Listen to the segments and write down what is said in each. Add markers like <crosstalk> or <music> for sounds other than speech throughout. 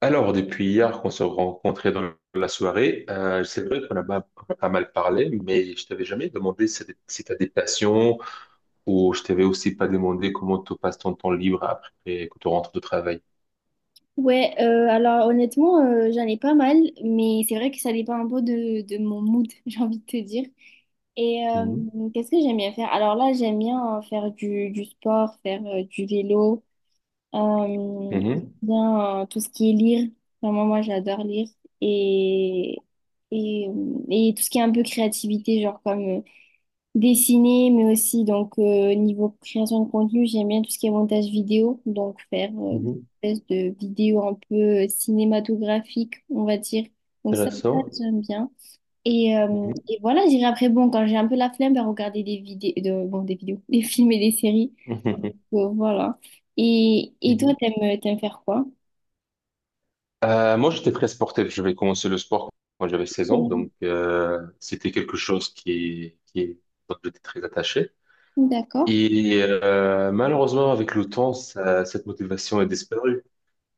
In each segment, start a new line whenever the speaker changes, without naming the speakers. Alors, depuis hier qu'on s'est rencontrés dans la soirée, c'est vrai qu'on a pas mal parlé, mais je t'avais jamais demandé si tu as des passions ou je t'avais aussi pas demandé comment tu passes ton temps libre après que tu rentres de travail.
Ouais, alors honnêtement, j'en ai pas mal, mais c'est vrai que ça dépend un peu de mon mood, <laughs> j'ai envie de te dire. Et
Mhm,
qu'est-ce que j'aime bien faire? Alors là, j'aime bien faire du sport, faire du vélo, euh,
mhm,
bien tout ce qui est lire. Vraiment, moi, j'adore lire. Et, et tout ce qui est un peu créativité, genre comme dessiner, mais aussi donc niveau création de contenu, j'aime bien tout ce qui est montage vidéo, donc faire
mhm.
des espèces de vidéos un peu cinématographiques, on va dire. Donc ça,
Intéressant.
j'aime bien. Et, euh,
Mhm,
et voilà, j'irai après, bon, quand j'ai un peu la flemme, ben, regarder des vidéos, de, bon, des vidéos, <laughs> des films et des séries.
mhm,
Donc, voilà. Et toi,
mhm.
t'aimes faire quoi?
Moi, j'étais très sportif. J'avais commencé le sport quand j'avais 16 ans,
Mhm.
donc c'était quelque chose qui dont j'étais très attaché.
D'accord.
Et malheureusement, avec le temps, cette motivation est disparue.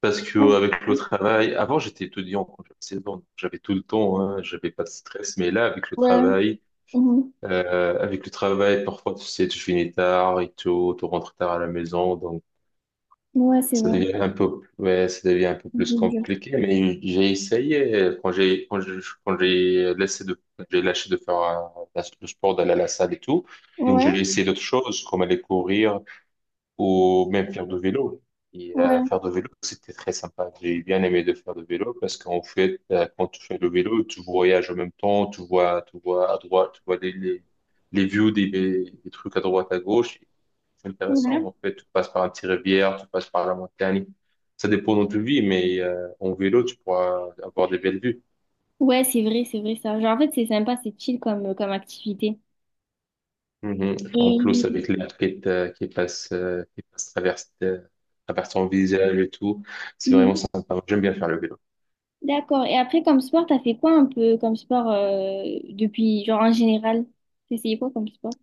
Parce que avec le travail, avant j'étais étudiant quand j'avais 16 ans, donc j'avais tout le temps, hein, j'avais pas de stress. Mais là,
Ouais. Mhm.
avec le travail, parfois tu sais, tu finis tard et tout, tu rentres tard à la maison, donc
Ouais, c'est
ça
vrai.
devient un peu, ouais, ça devient un peu plus compliqué. Mais j'ai essayé quand j'ai, quand j'ai, quand j'ai laissé de, j'ai lâché de faire le sport, d'aller à la salle et tout. Donc
Ouais,
j'ai essayé d'autres choses, comme aller courir, ou même faire du vélo.
ouais,
Faire du vélo, c'était très sympa. J'ai bien aimé de faire du vélo parce qu'en fait, quand tu fais le vélo, tu voyages en même temps, tu vois à droite, tu vois les views des trucs à droite, à gauche. C'est intéressant.
ouais.
En fait, tu passes par un petit rivière, tu passes par la montagne. Ça dépend de tu vis, mais en vélo, tu pourras avoir des belles vues.
Ouais, c'est vrai ça. Genre, en fait, c'est sympa, c'est chill comme, comme activité.
Mhm. En plus,
Et
avec l'air qui, est, qui passe traverse ton visage et tout, c'est vraiment
Mhm.
sympa. J'aime bien faire le vélo.
D'accord. Et après, comme sport, t'as fait quoi un peu comme sport depuis, genre en général? T'as essayé quoi comme sport?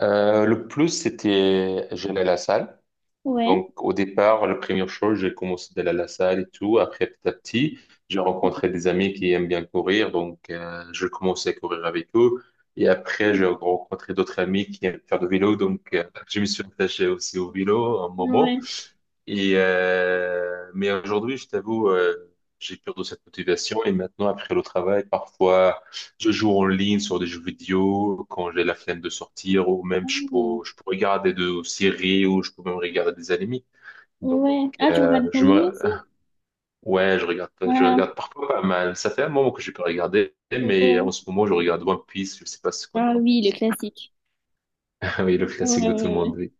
Le plus, c'était, j'allais à la salle.
Ouais.
Donc, au départ, la première chose, j'ai commencé d'aller à la salle et tout. Après, petit à petit, j'ai rencontré des amis qui aiment bien courir. Donc, je commençais à courir avec eux. Et après, j'ai rencontré d'autres amis qui aiment faire du vélo. Donc, je me suis attaché aussi au vélo un moment.
Ouais.
Mais aujourd'hui, je t'avoue, j'ai perdu cette motivation. Et maintenant, après le travail, parfois, je joue en ligne sur des jeux vidéo quand j'ai la flemme de sortir ou même je
Ah.
peux, je peux regarder des séries ou je peux même regarder des animés. Donc,
Ouais. Ah, tu
euh,
regardes des
je
animés
me,
aussi?
ouais, je
Ah,
regarde parfois pas mal. Ça fait un moment que je peux regarder
ouais.
mais en ce moment, je regarde One Piece. Je sais pas si tu connais
Ah
One
oui, le
Piece.
classique.
<laughs> Oui, le
Ouais,
classique de tout le monde,
ouais,
oui.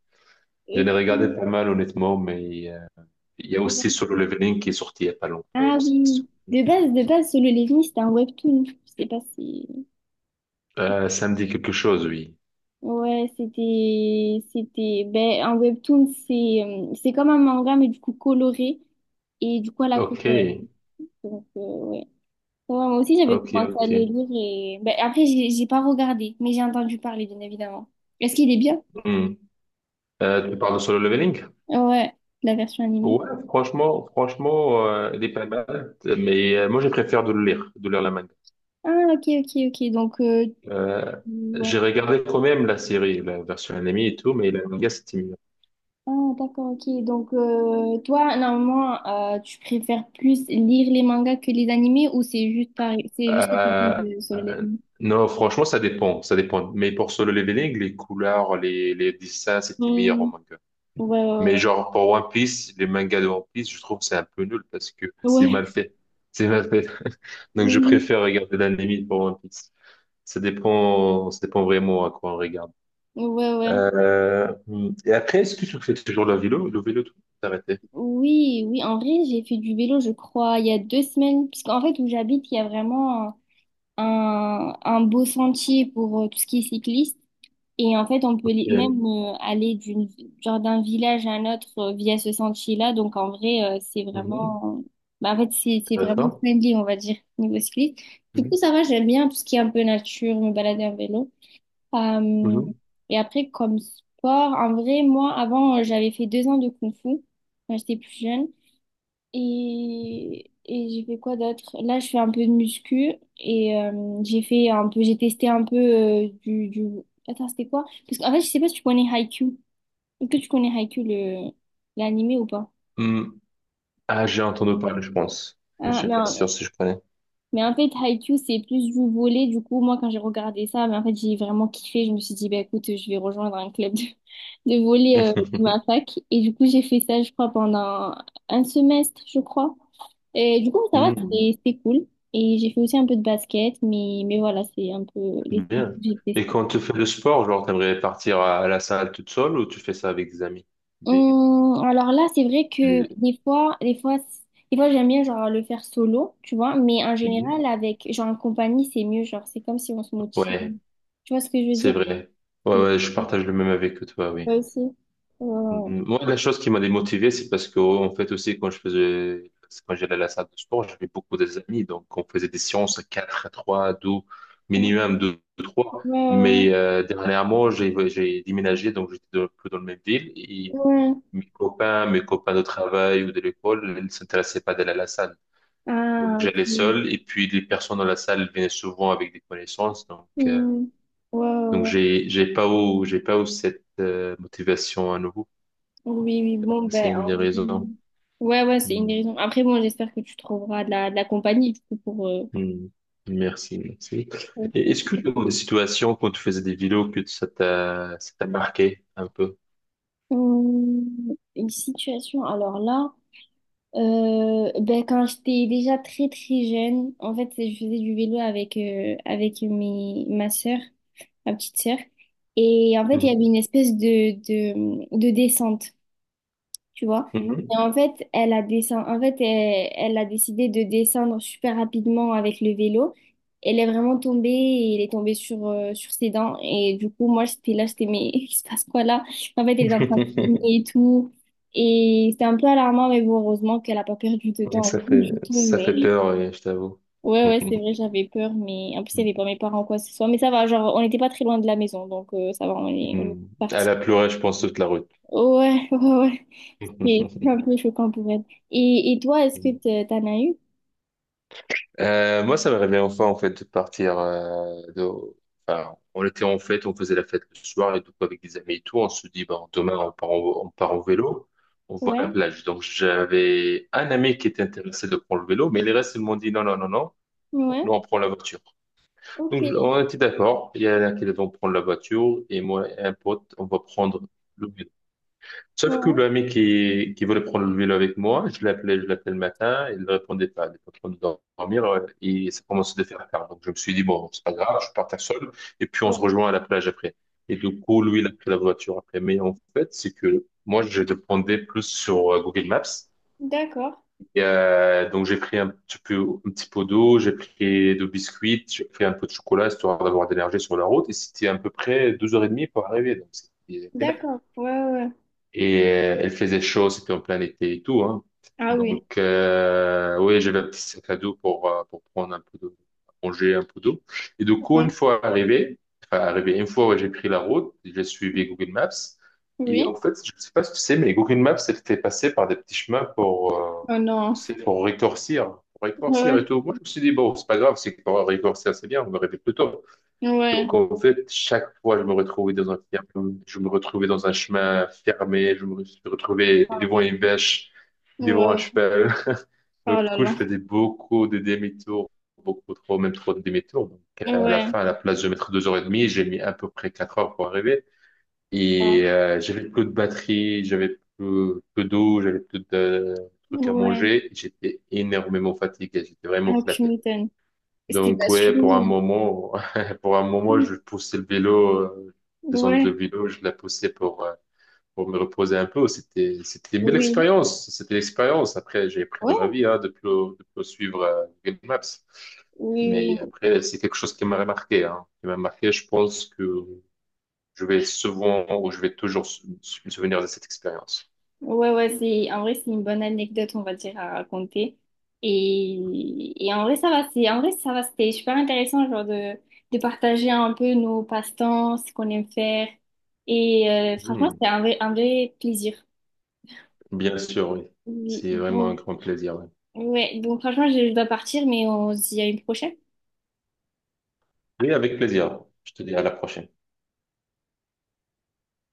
J'en ai
ouais.
regardé pas mal, honnêtement, mais il y a
Ok.
aussi Solo Leveling qui est sorti il y a pas longtemps. Je
Ah
sais pas si tu
oui.
connais.
De base, Solo Leveling, c'était un webtoon. Je sais pas si.
Ça me dit quelque chose, oui.
Ouais, c'était, ben, un webtoon, c'est comme un manga, mais du coup coloré, et du coup à la
Ok,
couleur. Donc, ouais. Ouais, moi aussi, j'avais
ok,
commencé à le
ok.
lire, et ben, après, j'ai pas regardé, mais j'ai entendu parler, bien évidemment. Est-ce qu'il est bien?
Hmm. Tu parles de Solo Leveling?
Ouais, la version animée.
Ouais, franchement, il est pas mal, mais moi je préfère de le lire, de lire la manga.
Ah, ok, ok, ok. Donc,
Euh,
ouais.
j'ai regardé quand même la série, la version animée et tout, mais la manga c'était mieux.
Ah, d'accord, ok. Donc, toi, normalement, tu préfères plus lire les mangas que les animés, ou c'est juste pareil, c'est juste que tu viens
Euh,
de sur les
euh, non, franchement, ça dépend. Mais pour Solo Leveling, les couleurs, les dessins, c'était meilleur en
animés?
manga.
Ouais,
Mais
ouais,
genre pour One Piece, les mangas de One Piece, je trouve que c'est un peu nul parce que <laughs> c'est
ouais,
mal fait, c'est mal fait. <laughs> Donc
Ouais,
je
oui,
préfère regarder l'anime pour One Piece. Ça dépend vraiment à quoi on regarde.
ouais, ouais,
Euh, et après, est-ce que tu fais toujours le vélo, tout arrêté?
oui, oui, en vrai, j'ai fait du vélo, je crois, il y a 2 semaines, parce qu'en fait, où j'habite, il y a vraiment un beau sentier pour tout ce qui est cycliste, et en fait,
Ok.
même aller genre d'un village à un autre via ce sentier-là, donc en vrai,
Mhm.
bah, en fait, c'est vraiment
Intéressant.
friendly, on va dire, niveau cycliste. Du coup,
Mhm.
ça va, j'aime bien tout ce qui est un peu nature, me balader en vélo. Euh,
Mhm.
et après, comme sport, en vrai, moi, avant, j'avais fait 2 ans de kung-fu quand j'étais plus jeune. Et j'ai fait quoi d'autre? Là, je fais un peu de muscu et j'ai fait un peu, j'ai testé un peu du... Attends, c'était quoi? Parce qu'en fait, je sais pas si tu connais Haikyuu. Est-ce que tu connais Haikyuu, le l'animé ou pas?
Mhm. Ah, j'ai entendu parler, je pense. Je ne
Ah,
suis
mais
pas sûr si je connais.
Mais en fait, Haikyuu, c'est plus du volet. Du coup, moi, quand j'ai regardé ça, mais en fait, j'ai vraiment kiffé. Je me suis dit, bah, écoute, je vais rejoindre un club de, <laughs> de volley de
<laughs>
ma fac. Et du coup, j'ai fait ça, je crois, pendant un semestre, je crois. Et du coup, ça va,
Mhm.
c'était cool. Et j'ai fait aussi un peu de basket, mais voilà, c'est un peu les sports que
Bien.
j'ai
Et
testés.
quand tu fais le sport, genre, t'aimerais partir à la salle toute seule ou tu fais ça avec des amis? Des,
Alors là, c'est vrai que
des-
des fois j'aime bien genre le faire solo, tu vois, mais en
des-
général avec genre en compagnie, c'est mieux, genre c'est comme si on se motive.
Ouais,
Tu vois ce que je veux
c'est
dire?
vrai. Ouais,
C'est
ouais, je partage le même avec toi, oui.
toi aussi. Euh,
Mm, moi, la chose qui m'a démotivé, c'est parce que, en fait, aussi, quand j'allais à la salle de sport, j'avais beaucoup des amis. Donc, on faisait des séances à 4, à 3, à 2,
ouais,
minimum 2, 3. Mais
ouais,
dernièrement, j'ai déménagé, donc j'étais plus dans la même ville. Et
ouais. Ouais.
mes copains de travail ou de l'école, ils ne s'intéressaient pas d'aller à la salle.
Ah,
Donc,
ok.
j'allais seul. Et puis, les personnes dans la salle venaient souvent avec des connaissances. Donc, euh,
Hmm. Ouais, ouais,
donc
ouais.
j'ai pas eu cette motivation à nouveau.
Oui, oui, bon, ben.
C'est une des
En-
raisons.
Ouais, ouais, c'est une
Mm,
des raisons. Après, bon, j'espère que tu trouveras de la compagnie, du coup, pour. Euh,
mm. Merci, merci. Et est-ce que
pour-
tu as des situations quand tu faisais des vidéos que ça t'a marqué un peu?
Une situation, alors là. Ben, quand j'étais déjà très très jeune, en fait, je faisais du vélo avec, ma sœur, ma petite sœur. Et en fait, il y avait
Mhm.
une espèce de descente tu vois.
Mhm.
En fait, elle a décidé de descendre super rapidement avec le vélo. Elle est vraiment tombée et elle est tombée sur ses dents. Et du coup, moi, j'étais là, j'étais, mais <laughs> il se passe quoi là? En fait, elle est en train de
<laughs>
saigner et tout. Et c'était un peu alarmant, mais bon, heureusement qu'elle a pas perdu de dents
Ça
<laughs>
fait
du tout.
Ça
Mais
fait peur, je t'avoue.
ouais, ouais, c'est vrai,
<laughs>
j'avais peur. Mais en plus, il n'y avait pas mes parents, quoi que ce soit. Mais ça va, genre, on n'était pas très loin de la maison. Donc, ça va, on est
Mm. Elle
parti.
a pleuré, je pense, toute la route.
Ouais, <laughs> ouais, ouais. C'est un
<laughs>
peu choquant pour elle. Et toi, est-ce que t'en as eu?
Moi, ça m'aurait bien enfin, en fait, enfin, on était en fête, on faisait la fête le soir et tout, avec des amis et tout. On se dit, bon, demain, on part en vélo, on voit
Ouais,
la plage. Donc, j'avais un ami qui était intéressé de prendre le vélo, mais les restes, ils m'ont dit, non, non, non, non,
ouais,
nous, on prend la voiture. Donc,
ok,
on était d'accord. Il y en a qui vont prendre la voiture et moi et un pote, on va prendre le vélo. Sauf que
ouais,
le mec qui voulait prendre le vélo avec moi, je l'appelais le matin, il ne répondait pas, il était en train de dormir, et ça commençait de faire tard. Donc je me suis dit, bon, c'est pas grave, je partais seul, et puis on se
ouais,
rejoint à la plage après. Et du coup, lui, il a pris la voiture après. Mais en fait, c'est que moi, je dépendais plus sur Google Maps.
d'accord,
Donc j'ai pris un petit pot d'eau, j'ai pris deux biscuits, j'ai pris un peu de chocolat, histoire d'avoir de l'énergie sur la route, et c'était à peu près 2 heures et demie pour arriver. Donc c'était
d'accord, ouais, ouais. Ouais.
et Elle faisait chaud, c'était en plein été et tout, hein.
Ah oui,
Donc, oui, j'avais un petit sac à dos pour prendre un peu d'eau, à manger un peu d'eau. Et du coup, une
ouais,
fois arrivé, enfin, arrivé, une fois, ouais, j'ai pris la route, j'ai suivi Google Maps. Et en
oui,
fait, je ne sais pas si tu sais, mais Google Maps, elle fait passer par des petits chemins
oh non,
c'est pour rétorcir et
ouais,
tout. Moi, je me suis dit, bon, c'est pas grave, c'est pour rétorcir, c'est bien, on me réveille plus tôt.
ouais,
Donc en fait, chaque fois, je me retrouvais dans un ferme, je me retrouvais dans un chemin fermé, je me suis retrouvé
ah
devant
oui,
une vache,
ouais,
devant un
ouais.
cheval. <laughs> Donc,
Oh
du
là
coup,
là,
je faisais beaucoup de demi-tours, beaucoup trop, même trop de demi-tours. Donc, à la
ouais,
fin, à la place de mettre 2 heures et demie, j'ai mis à peu près 4 heures pour arriver.
ah,
J'avais plus de batterie, j'avais plus, peu d'eau, j'avais plus de trucs à
ouais,
manger. J'étais énormément fatigué, j'étais vraiment
ah, tu
éclaté.
m'étonnes. C'était de
Donc,
la
ouais,
survie.
<laughs> pour un moment, je poussais le vélo,
Ouais,
je la poussais pour me reposer un peu. C'était une belle
oui,
expérience. C'était l'expérience. Après, j'ai appris dans la
ouais,
vie, hein, de plus suivre, Google Maps.
oui,
Mais
oui.
après, c'est quelque chose qui m'a marqué, hein, qui m'a marqué. Je pense que je vais souvent ou je vais toujours me souvenir de cette expérience.
Ouais, ouais, c'est, en vrai, c'est une bonne anecdote, on va dire, à raconter. Et en vrai, ça va, c'est, en vrai, ça va, c'était super intéressant, genre, de partager un peu nos passe-temps, ce qu'on aime faire. Et franchement,
Hmm,
un vrai plaisir.
bien sûr, oui.
Oui,
C'est vraiment un
bon,
grand plaisir. Oui,
ouais, donc franchement, je dois partir, mais on se dit à une prochaine.
oui, avec plaisir. Je te dis à la prochaine.